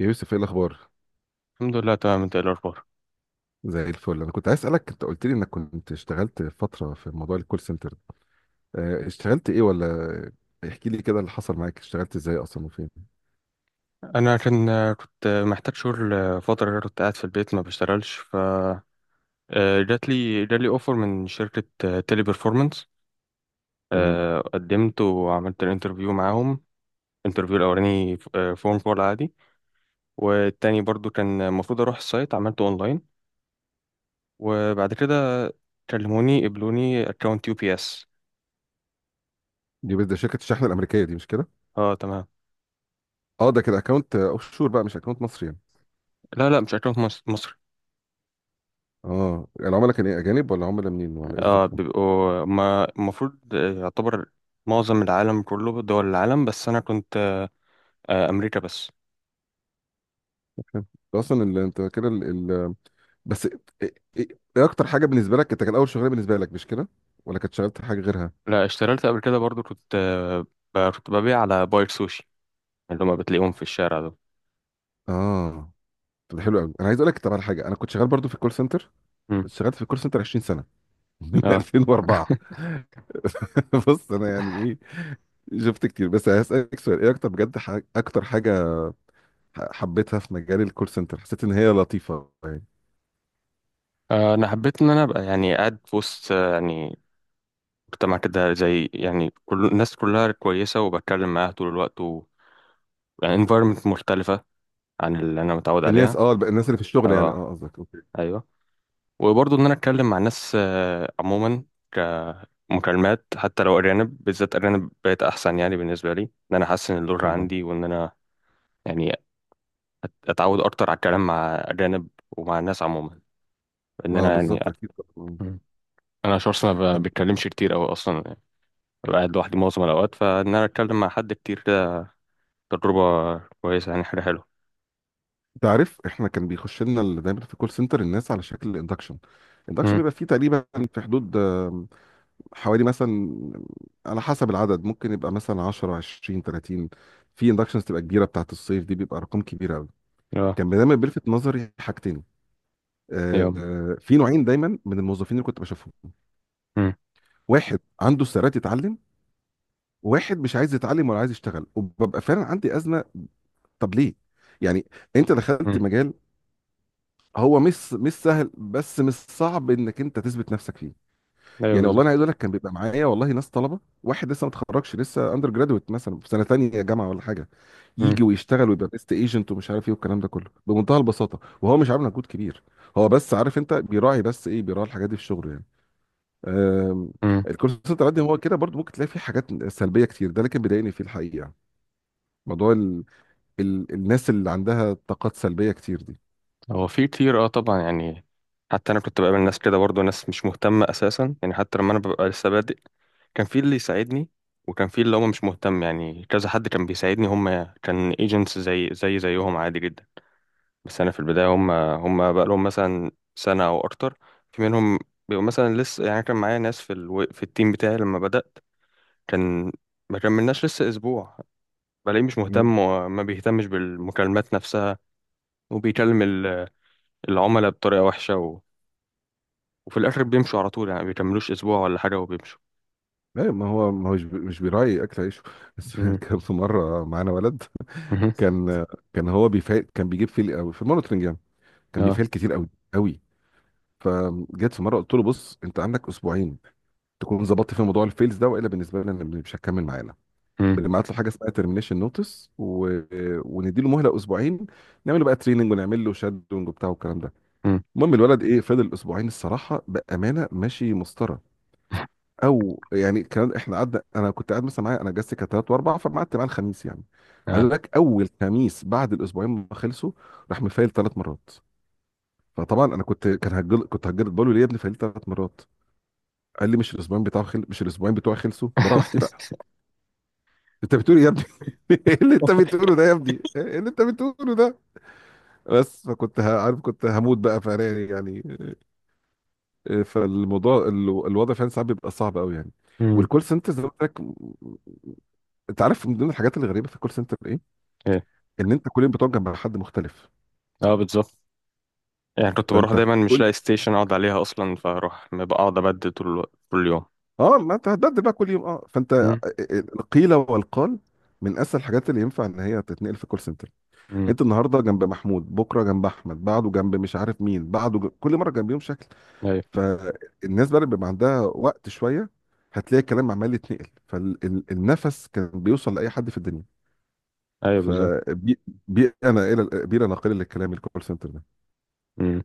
يا يوسف، ايه الاخبار؟ الحمد لله، تمام. انت ايه الاخبار؟ زي الفل، انا كنت عايز اسالك. انت قلت لي انك كنت اشتغلت فتره في موضوع الكول سنتر. اه، اشتغلت ايه ولا احكي لي كده اللي حصل معاك. اشتغلت ازاي اصلا وفين؟ انا كنت محتاج شغل فتره كده، كنت قاعد في البيت ما بشتغلش. ف آه، جات لي اوفر من شركه تيلي بيرفورمانس. تمام. قدمت وعملت الانترفيو معاهم. الانترفيو الاولاني فون كول عادي، والتاني برضو كان المفروض اروح السايت، عملته اونلاين. وبعد كده كلموني، قبلوني اكونت يو بي اس. دي بس ده شركه الشحن الامريكيه دي، مش كده؟ اه، تمام. اه، ده كده اكونت اوف شور بقى، مش اكونت مصري يعني. لا لا، مش اكونت مصر. اه، العملاء كان ايه، اجانب ولا عملاء منين ولا ايه اه، ظروفهم؟ بيبقوا، ما المفروض يعتبر معظم العالم كله، دول العالم، بس انا كنت امريكا بس. فاهم. ده اصلا انت كده ال- بس ايه، ايه- ايه اكتر حاجه بالنسبه لك؟ انت كان اول شغلانه بالنسبه لك، مش كده؟ ولا كنت شغلت حاجه غيرها؟ لا، اشتغلت قبل كده برضو، كنت كنت ببيع على بايت سوشي، اللي هما بتلاقيهم في الشارع دول. اه، طب ده حلو قوي، انا عايز اقول لك طب على حاجه. انا كنت شغال برضو في الكول سنتر، مم. اشتغلت في الكول سنتر 20 سنه من اه. 2004 بص، انا يعني ايه، شفت كتير، بس هسألك سؤال: ايه اكتر بجد، اكتر حاجه حبيتها في مجال الكول سنتر، حسيت ان هي لطيفه يعني؟ انا حبيت ان انا ابقى يعني قاعد في وسط يعني مجتمع كده، زي يعني كل الناس كلها كويسة وبتكلم معاها طول الوقت، و يعني environment مختلفة عن اللي انا متعود الناس، عليها. اه الناس اللي في الشغل يعني، اه. اه قصدك؟ اوكي. ايوه. وبرضو ان انا اتكلم مع ناس عموما مكالمات، حتى لو أرانب. بالذات أرانب بقت أحسن يعني بالنسبة لي، إن أنا أحسن اللغة طبعا. عندي، وإن أنا يعني أتعود أكتر على الكلام مع أرانب ومع الناس عموما، إن اه أنا يعني. بالظبط، اكيد طبعا. مم. أنا شخص ما طب، بتكلمش كتير أوي أصلا يعني، ببقى قاعد لوحدي معظم الأوقات، فإن أنا أتكلم مع حد كتير ده تجربة كويسة يعني، حاجة حلوة. تعرف احنا كان بيخش لنا دايما في الكول سنتر الناس على شكل الاندكشن. الاندكشن مم. بيبقى فيه تقريبا في حدود، حوالي مثلا، على حسب العدد، ممكن يبقى مثلا 10 20 30. في اندكشنز تبقى كبيره بتاعت الصيف دي بيبقى ارقام كبيره. أيوه. كان دايما بيلفت نظري حاجتين. أيوه. في نوعين دايما من الموظفين اللي كنت بشوفهم. مم. واحد عنده استعداد يتعلم، وواحد مش عايز يتعلم ولا عايز يشتغل، وببقى فعلا عندي أزمة. طب ليه؟ يعني انت دخلت مم. مجال هو مش سهل، بس مش صعب انك انت تثبت نفسك فيه أيوه يعني. والله انا عايز بالظبط. اقول لك، كان بيبقى معايا والله ناس طلبه، واحد لسه ما اتخرجش لسه اندر جرادويت، مثلا في سنه تانية جامعه ولا حاجه، مم. يجي ويشتغل ويبقى بيست ايجنت ومش عارف ايه والكلام ده كله بمنتهى البساطه، وهو مش عامل مجهود كبير. هو بس عارف انت بيراعي، بس ايه بيراعي الحاجات دي في شغله يعني. آم، مم. الكورس سنتر عندي هو كده برضو، ممكن تلاقي فيه حاجات سلبيه كتير ده، لكن بيضايقني فيه الحقيقه يعني موضوع الناس اللي عندها طاقات سلبيه كتير دي. هو في كتير، أه طبعا يعني. حتى أنا كنت بقابل ناس كده برضه، ناس مش مهتمة أساسا يعني. حتى لما أنا ببقى لسه بادئ، كان في اللي يساعدني وكان في اللي هو مش مهتم يعني. كذا حد كان بيساعدني، هم كان ايجنتس زي زي زيهم عادي جدا. بس انا في البدايه، هم بقى لهم مثلا سنه او اكتر. في منهم بيبقوا مثلا لسه يعني. كان معايا ناس في التيم بتاعي لما بدات، كان ما كملناش لسه اسبوع، بلاقيه مش مم. مهتم وما بيهتمش بالمكالمات نفسها. وبيكلم العملاء بطريقه وحشه، و... وفي الاخر بيمشوا على طول يعني، ما بيكملوش اسبوع ولا حاجه وبيمشوا. لا، ما هو مش بيراعي اكل عيشه. بس مم. كان في مره معانا ولد، مهم. كان كان هو بيفعل، كان بيجيب فيل قوي في المونترنج يعني. كان اه. بيفعل كتير قوي قوي. فجيت في مره، قلت له: بص انت عندك اسبوعين تكون ظبطت في موضوع الفيلز ده، والا بالنسبه لنا مش هتكمل معانا. مم. بنبعت له حاجه اسمها ترمينيشن نوتس، وندي له مهله اسبوعين، نعمل له بقى تريننج ونعمل له شادونج وبتاع والكلام ده. مم. المهم الولد ايه، فضل اسبوعين الصراحه بامانه ماشي مسطره. او يعني كان احنا قعدنا، انا كنت قاعد مثلا معايا، انا اجازتي كانت ثلاث واربع، فما قعدت معاه الخميس يعني. عايز اه. اقول لك، اول خميس بعد الاسبوعين ما خلصوا، راح مفايل ثلاث مرات. فطبعا انا كنت هجل بقول له: ليه يا ابني فايل ثلاث مرات؟ قال لي: مش الاسبوعين بتوعي خلصوا براحتي بقى؟ انت بتقول إيه يا ابني؟ ايه اللي انت بتقوله ده يا ابني؟ ايه اللي انت بتقوله ده؟ بس فكنت عارف كنت هموت بقى فراري يعني. فالموضوع الوضع فعلا ساعات بيبقى صعب قوي يعني. والكول سنتر زي ما قلت لك، انت عارف من ضمن الحاجات الغريبه في الكول سنتر ايه؟ ايه. ان انت كل يوم بتقعد جنب حد مختلف. اه بالظبط. يعني كنت بروح فانت دايما مش كل لاقي ستيشن اقعد عليها اصلا، فاروح ببقى اقعد ابدل طول الوقت طول اليوم. اه، ما انت هتبدل بقى كل يوم. اه، فانت امم. القيل والقال من اسهل الحاجات اللي ينفع ان هي تتنقل في كول سنتر. امم. انت النهارده جنب محمود، بكره جنب احمد، بعده جنب مش عارف مين، كل مره جنبيهم شكل. ايوه. فالناس بقى اللي بيبقى عندها وقت شويه، هتلاقي الكلام عمال يتنقل، فالنفس كان بيوصل لاي حد في الدنيا. ايوه بالظبط. فبيئنا الى بيئه ناقله للكلام الكول سنتر ده. امم.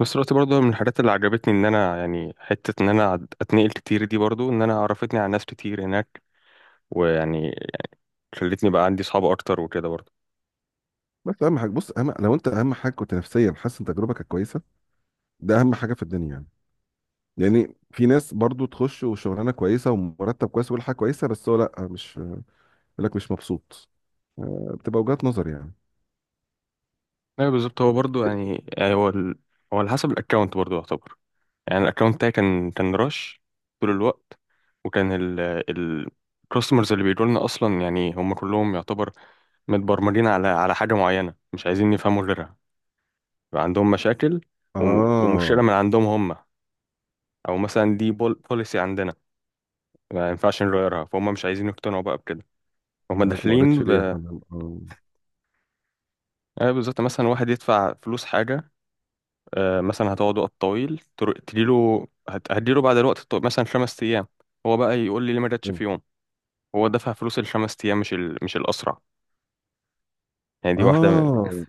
بس دلوقتي برضه من الحاجات اللي عجبتني ان انا يعني حته ان انا اتنقل كتير دي، برضه ان انا عرفتني على ناس كتير هناك، ويعني خلتني بقى عندي صحاب اكتر وكده برضه. بس اهم حاجه، بص، أهم لو انت اهم حاجه كنت نفسيا حاسس ان تجربتك كويسه، ده اهم حاجه في الدنيا يعني. يعني في ناس برضو تخش وشغلانه كويسه ومرتب كويس وكل حاجه كويسه، بس هو لا، مش يقول لك مش مبسوط. بتبقى وجهات نظر يعني. ايوه بالظبط. هو برضه يعني، يعني هو، ال... هو على حسب الاكونت برضه يعتبر. يعني الاكونت بتاعي كان رش طول الوقت، وكان الكاستمرز اللي بيجوا لنا اصلا يعني، هم كلهم يعتبر متبرمجين على حاجة معينة، مش عايزين يفهموا غيرها. يبقى عندهم مشاكل، ومشكلة اه، من عندهم هم، أو مثلا دي بول بوليسي عندنا ما ينفعش نغيرها، فهم مش عايزين يقتنعوا بقى بكده، هم حضرتك ما قريتش داخلين ليه يا ب. فندم؟ اه آه بالظبط. مثلا واحد يدفع فلوس حاجة، آه مثلا هتقعد وقت طويل، هتديله بعد الوقت الطويل مثلا خمس أيام، هو بقى يقول لي ليه ما جاتش كده. في يوم. هو دفع فلوس الخمس أيام، مش ال... مش الأسرع يعني. دي واحدة من. آه،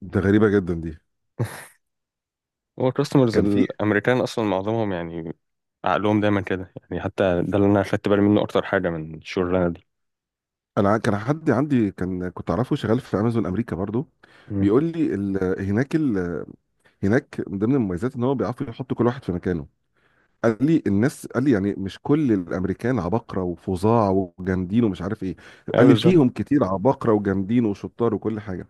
ده غريبه جدا دي. هو الكاستمرز كان في الأمريكان أصلا معظمهم يعني عقلهم دايما كده يعني، حتى ده اللي انا خدت بالي منه اكتر حاجه من الشغلانه دي. انا كان حد عندي كان كنت اعرفه شغال في امازون امريكا برضو، امم. بيقول لي هناك من ضمن المميزات ان هو بيعرفوا يحطوا كل واحد في مكانه. قال لي الناس، قال لي يعني مش كل الامريكان عباقره وفظاع وجامدين ومش عارف ايه. ايوه قال لي بالظبط. فيهم كتير عباقره وجامدين وشطار وكل حاجه.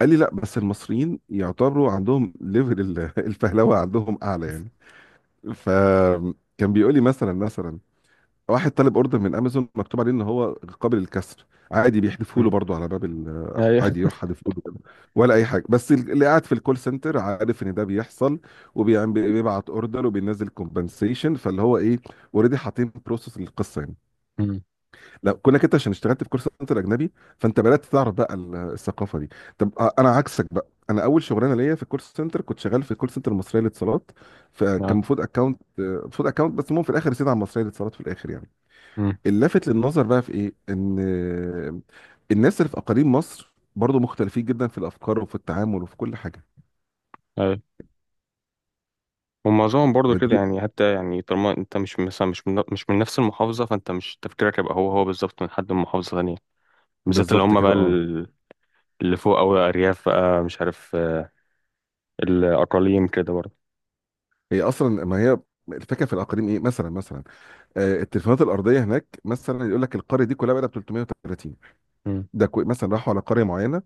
قال لي: لا، بس المصريين يعتبروا عندهم ليفل الفهلوه عندهم اعلى يعني. فكان بيقول لي مثلا واحد طالب اوردر من امازون مكتوب عليه ان هو قابل للكسر، عادي بيحذفوا له امم. برضه على باب ايوه. عادي يروح حادفه له كده، ولا اي حاجه، بس اللي قاعد في الكول سنتر عارف ان ده بيحصل وبيبعت اوردر وبينزل كومبنسيشن. فاللي هو ايه، اوريدي حاطين بروسس للقصه يعني. امم. لا كونك انت عشان اشتغلت في كول سنتر اجنبي، فانت بدات تعرف بقى الثقافه دي. طب انا عكسك بقى. انا اول شغلانه ليا في الكول سنتر كنت شغال في الكول سنتر المصريه للاتصالات، فكان اه. المفروض اكونت، المفروض اكونت، بس المهم في الاخر رسيت على المصريه للاتصالات في الاخر يعني. امم. اللافت للنظر بقى في ايه، ان الناس اللي في اقاليم مصر برضو مختلفين جدا في الافكار وفي التعامل وفي كل حاجه. ايوه. ومعظمهم برضو كده فدي يعني، حتى يعني طالما انت مش مثلا، مش من، مش من نفس المحافظه، فانت مش تفكيرك يبقى هو هو بالظبط من حد من محافظه ثانيه. بالذات اللي بالظبط هم بقى، كده اه. اللي فوق او الارياف بقى مش عارف، الاقاليم كده برضو. هي اصلا ما هي الفكره في الاقاليم ايه؟ مثلا آه، التليفونات الارضيه هناك مثلا، يقول لك القريه دي كلها بقى 330. امم. مثلا راحوا على قريه معينه،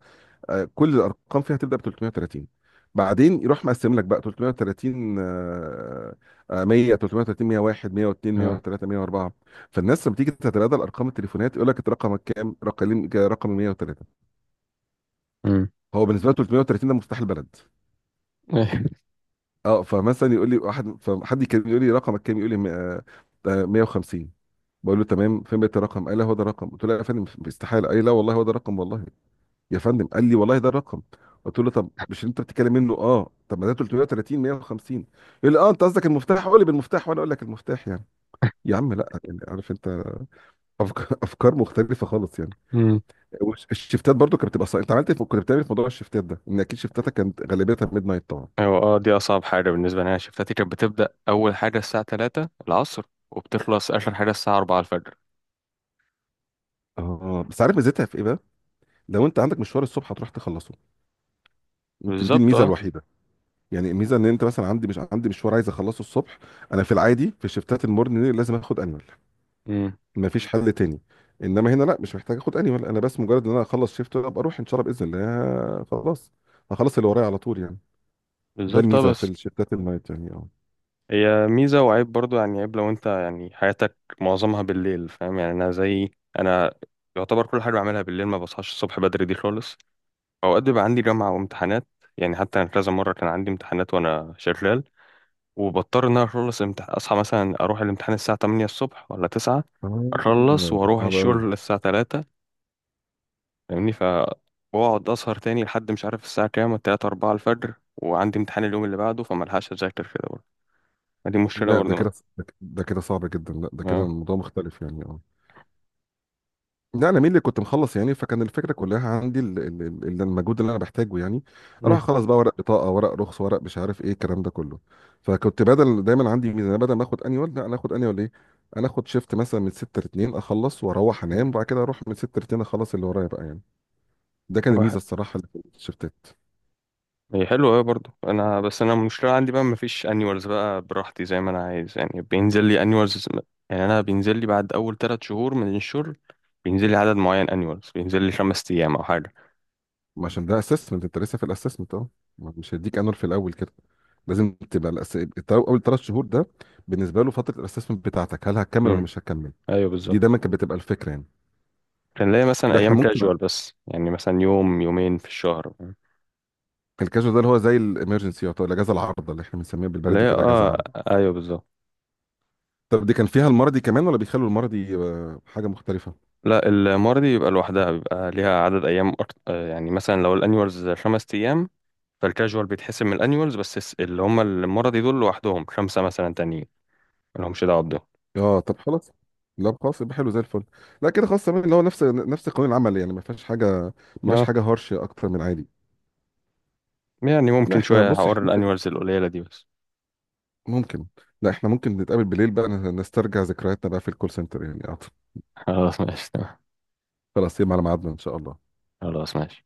كل الارقام فيها تبدا ب 330، بعدين يروح مقسم لك بقى 330، 100، 330، 101، 102، اه. 103، 104. فالناس لما تيجي تتبادل ارقام التليفونات، يقول لك: انت رقمك كام؟ رقم 103. امم. هو بالنسبه له 330 ده مفتاح البلد. اه، فمثلا يقول لي واحد، فحد كان يقول لي رقمك كام؟ يقول لي 150. بقول له تمام، فين بقيت الرقم؟ قال: لا هو ده الرقم. قلت له: لا يا فندم، استحاله. قال لي: لا والله هو ده الرقم، والله يا فندم. قال لي: والله ده الرقم. قلت له: طب مش انت بتتكلم منه؟ اه طب ما ده 330 150. يقول لي: اه انت قصدك المفتاح، قول لي بالمفتاح وانا اقول لك المفتاح يعني. يا عم لا، يعني عارف انت، افكار افكار مختلفه خالص يعني. الشفتات برضو كانت بتبقى صعبة. انت عملت إيه كنت بتعمل إيه في موضوع الشفتات ده؟ ان اكيد شفتاتك كانت غالبيتها ميد نايت طبعا. أيوة، اه دي أصعب حاجة بالنسبة لي. أنا شفتاتي كانت بتبدأ أول حاجة الساعة تلاتة العصر، وبتخلص آخر حاجة الساعة أربعة الفجر. اه، بس عارف ميزتها في ايه بقى؟ لو انت عندك مشوار الصبح هتروح تخلصه، يمكن دي بالظبط الميزه اه. الوحيده. يعني الميزه ان انت مثلا، عندي، مش عندي مشوار عايز اخلصه الصبح، انا في العادي في شفتات المورنينج لازم اخد انيول، مم. مفيش حل تاني. انما هنا لا، مش محتاج اخد انيمال، انا بس مجرد ان انا اخلص شيفت وابقى اروح ان شاء الله باذن الله، خلاص هخلص اللي ورايا على طول يعني. ده بالظبط اه. الميزه في بس الشيفتات النايت يعني اه. هي ميزة وعيب برضو يعني. عيب لو أنت يعني حياتك معظمها بالليل، فاهم يعني. أنا زي، أنا يعتبر كل حاجة بعملها بالليل، ما بصحاش الصبح بدري دي خالص. أوقات بيبقى عندي جامعة وامتحانات يعني، حتى أنا كذا مرة كان عندي امتحانات وأنا شغال، وبضطر إن أنا أصحى مثلا أروح الامتحان الساعة تمانية الصبح ولا تسعة، أخلص اه، ده وأروح صعب قوي. الشغل الساعة تلاتة. فاهمني. فبقعد اسهر تاني لحد مش عارف الساعه كام، 3 4 الفجر، وعندي امتحان اليوم اللي بعده، فملحقش اذاكر كده برضه. ما دي مشكله لا ده برضه أنا. كده ده كده صعب جدا. لا ده كده اه. الموضوع مختلف يعني اه. لا انا مين اللي كنت مخلص يعني، فكان الفكره كلها عندي المجهود اللي انا بحتاجه يعني، اروح مم. اخلص بقى ورق بطاقه، ورق رخص، ورق مش عارف ايه، الكلام ده كله. فكنت بدل، دايما عندي ميزانيه، بدل ما اخد انيول، لا انا اخد انيول ايه، انا اخد شيفت مثلا من 6 ل 2، اخلص واروح مم. انام، وبعد كده اروح من 6 ل 2 اخلص اللي ورايا بقى يعني. ده كان الميزه واحد، الصراحه اللي في الشيفتات. هي حلوة أوي برضه. أنا بس أنا المشكلة عندي بقى، مفيش أنيوالز بقى براحتي زي ما أنا عايز يعني. بينزل لي أنيوالز، يعني أنا بينزل لي بعد أول تلات شهور من الشغل، بينزل لي عدد معين أنيوالز، بينزل لي خمس أيام أو حاجة. ما عشان ده اسسمنت، انت لسه في الاسسمنت اهو، مش هيديك انيول في الاول كده. لازم تبقى اول ثلاث شهور ده بالنسبه له فتره الاسسمنت بتاعتك، هل هتكمل ولا امم. مش هتكمل. أيوه دي بالظبط. دايما كانت بتبقى الفكره يعني. كان ليا مثلا لا احنا أيام ممكن، كاجوال بس يعني، مثلا يوم يومين في الشهر. الكاجوال ده اللي هو زي الامرجنسي او الاجازه العارضه اللي احنا بنسميها بالبلدي لا، كده اجازه اه. عارضه. أيوه بالظبط. طب دي كان فيها المرضي كمان ولا بيخلوا المرضي حاجه مختلفه؟ لا، المرضي بيبقى لوحدها، بيبقى ليها عدد ايام أكت... آه، يعني مثلا لو الانيوالز خمس ايام، فالكاجوال بيتحسب من الانيوالز، بس اللي هم المرضي دول لوحدهم خمسه مثلا تانيين، ملهمش دعوه بده. اه طب خلاص. لا خلاص، يبقى حلو زي الفل. لا كده خلاص تمام، اللي هو نفس قانون العمل يعني، ما فيهاش حاجه، ما فيهاش اه. حاجه هارش اكتر من عادي. يعني لا ممكن احنا شويه بص، هقول احنا ممكن الانيوالز القليله دي بس. ممكن لا احنا ممكن نتقابل بالليل بقى نسترجع ذكرياتنا بقى في الكول سنتر يعني أعتقد. خلاص ماشي تمام. خلاص يبقى على ميعادنا ان شاء الله. خلاص ماشي.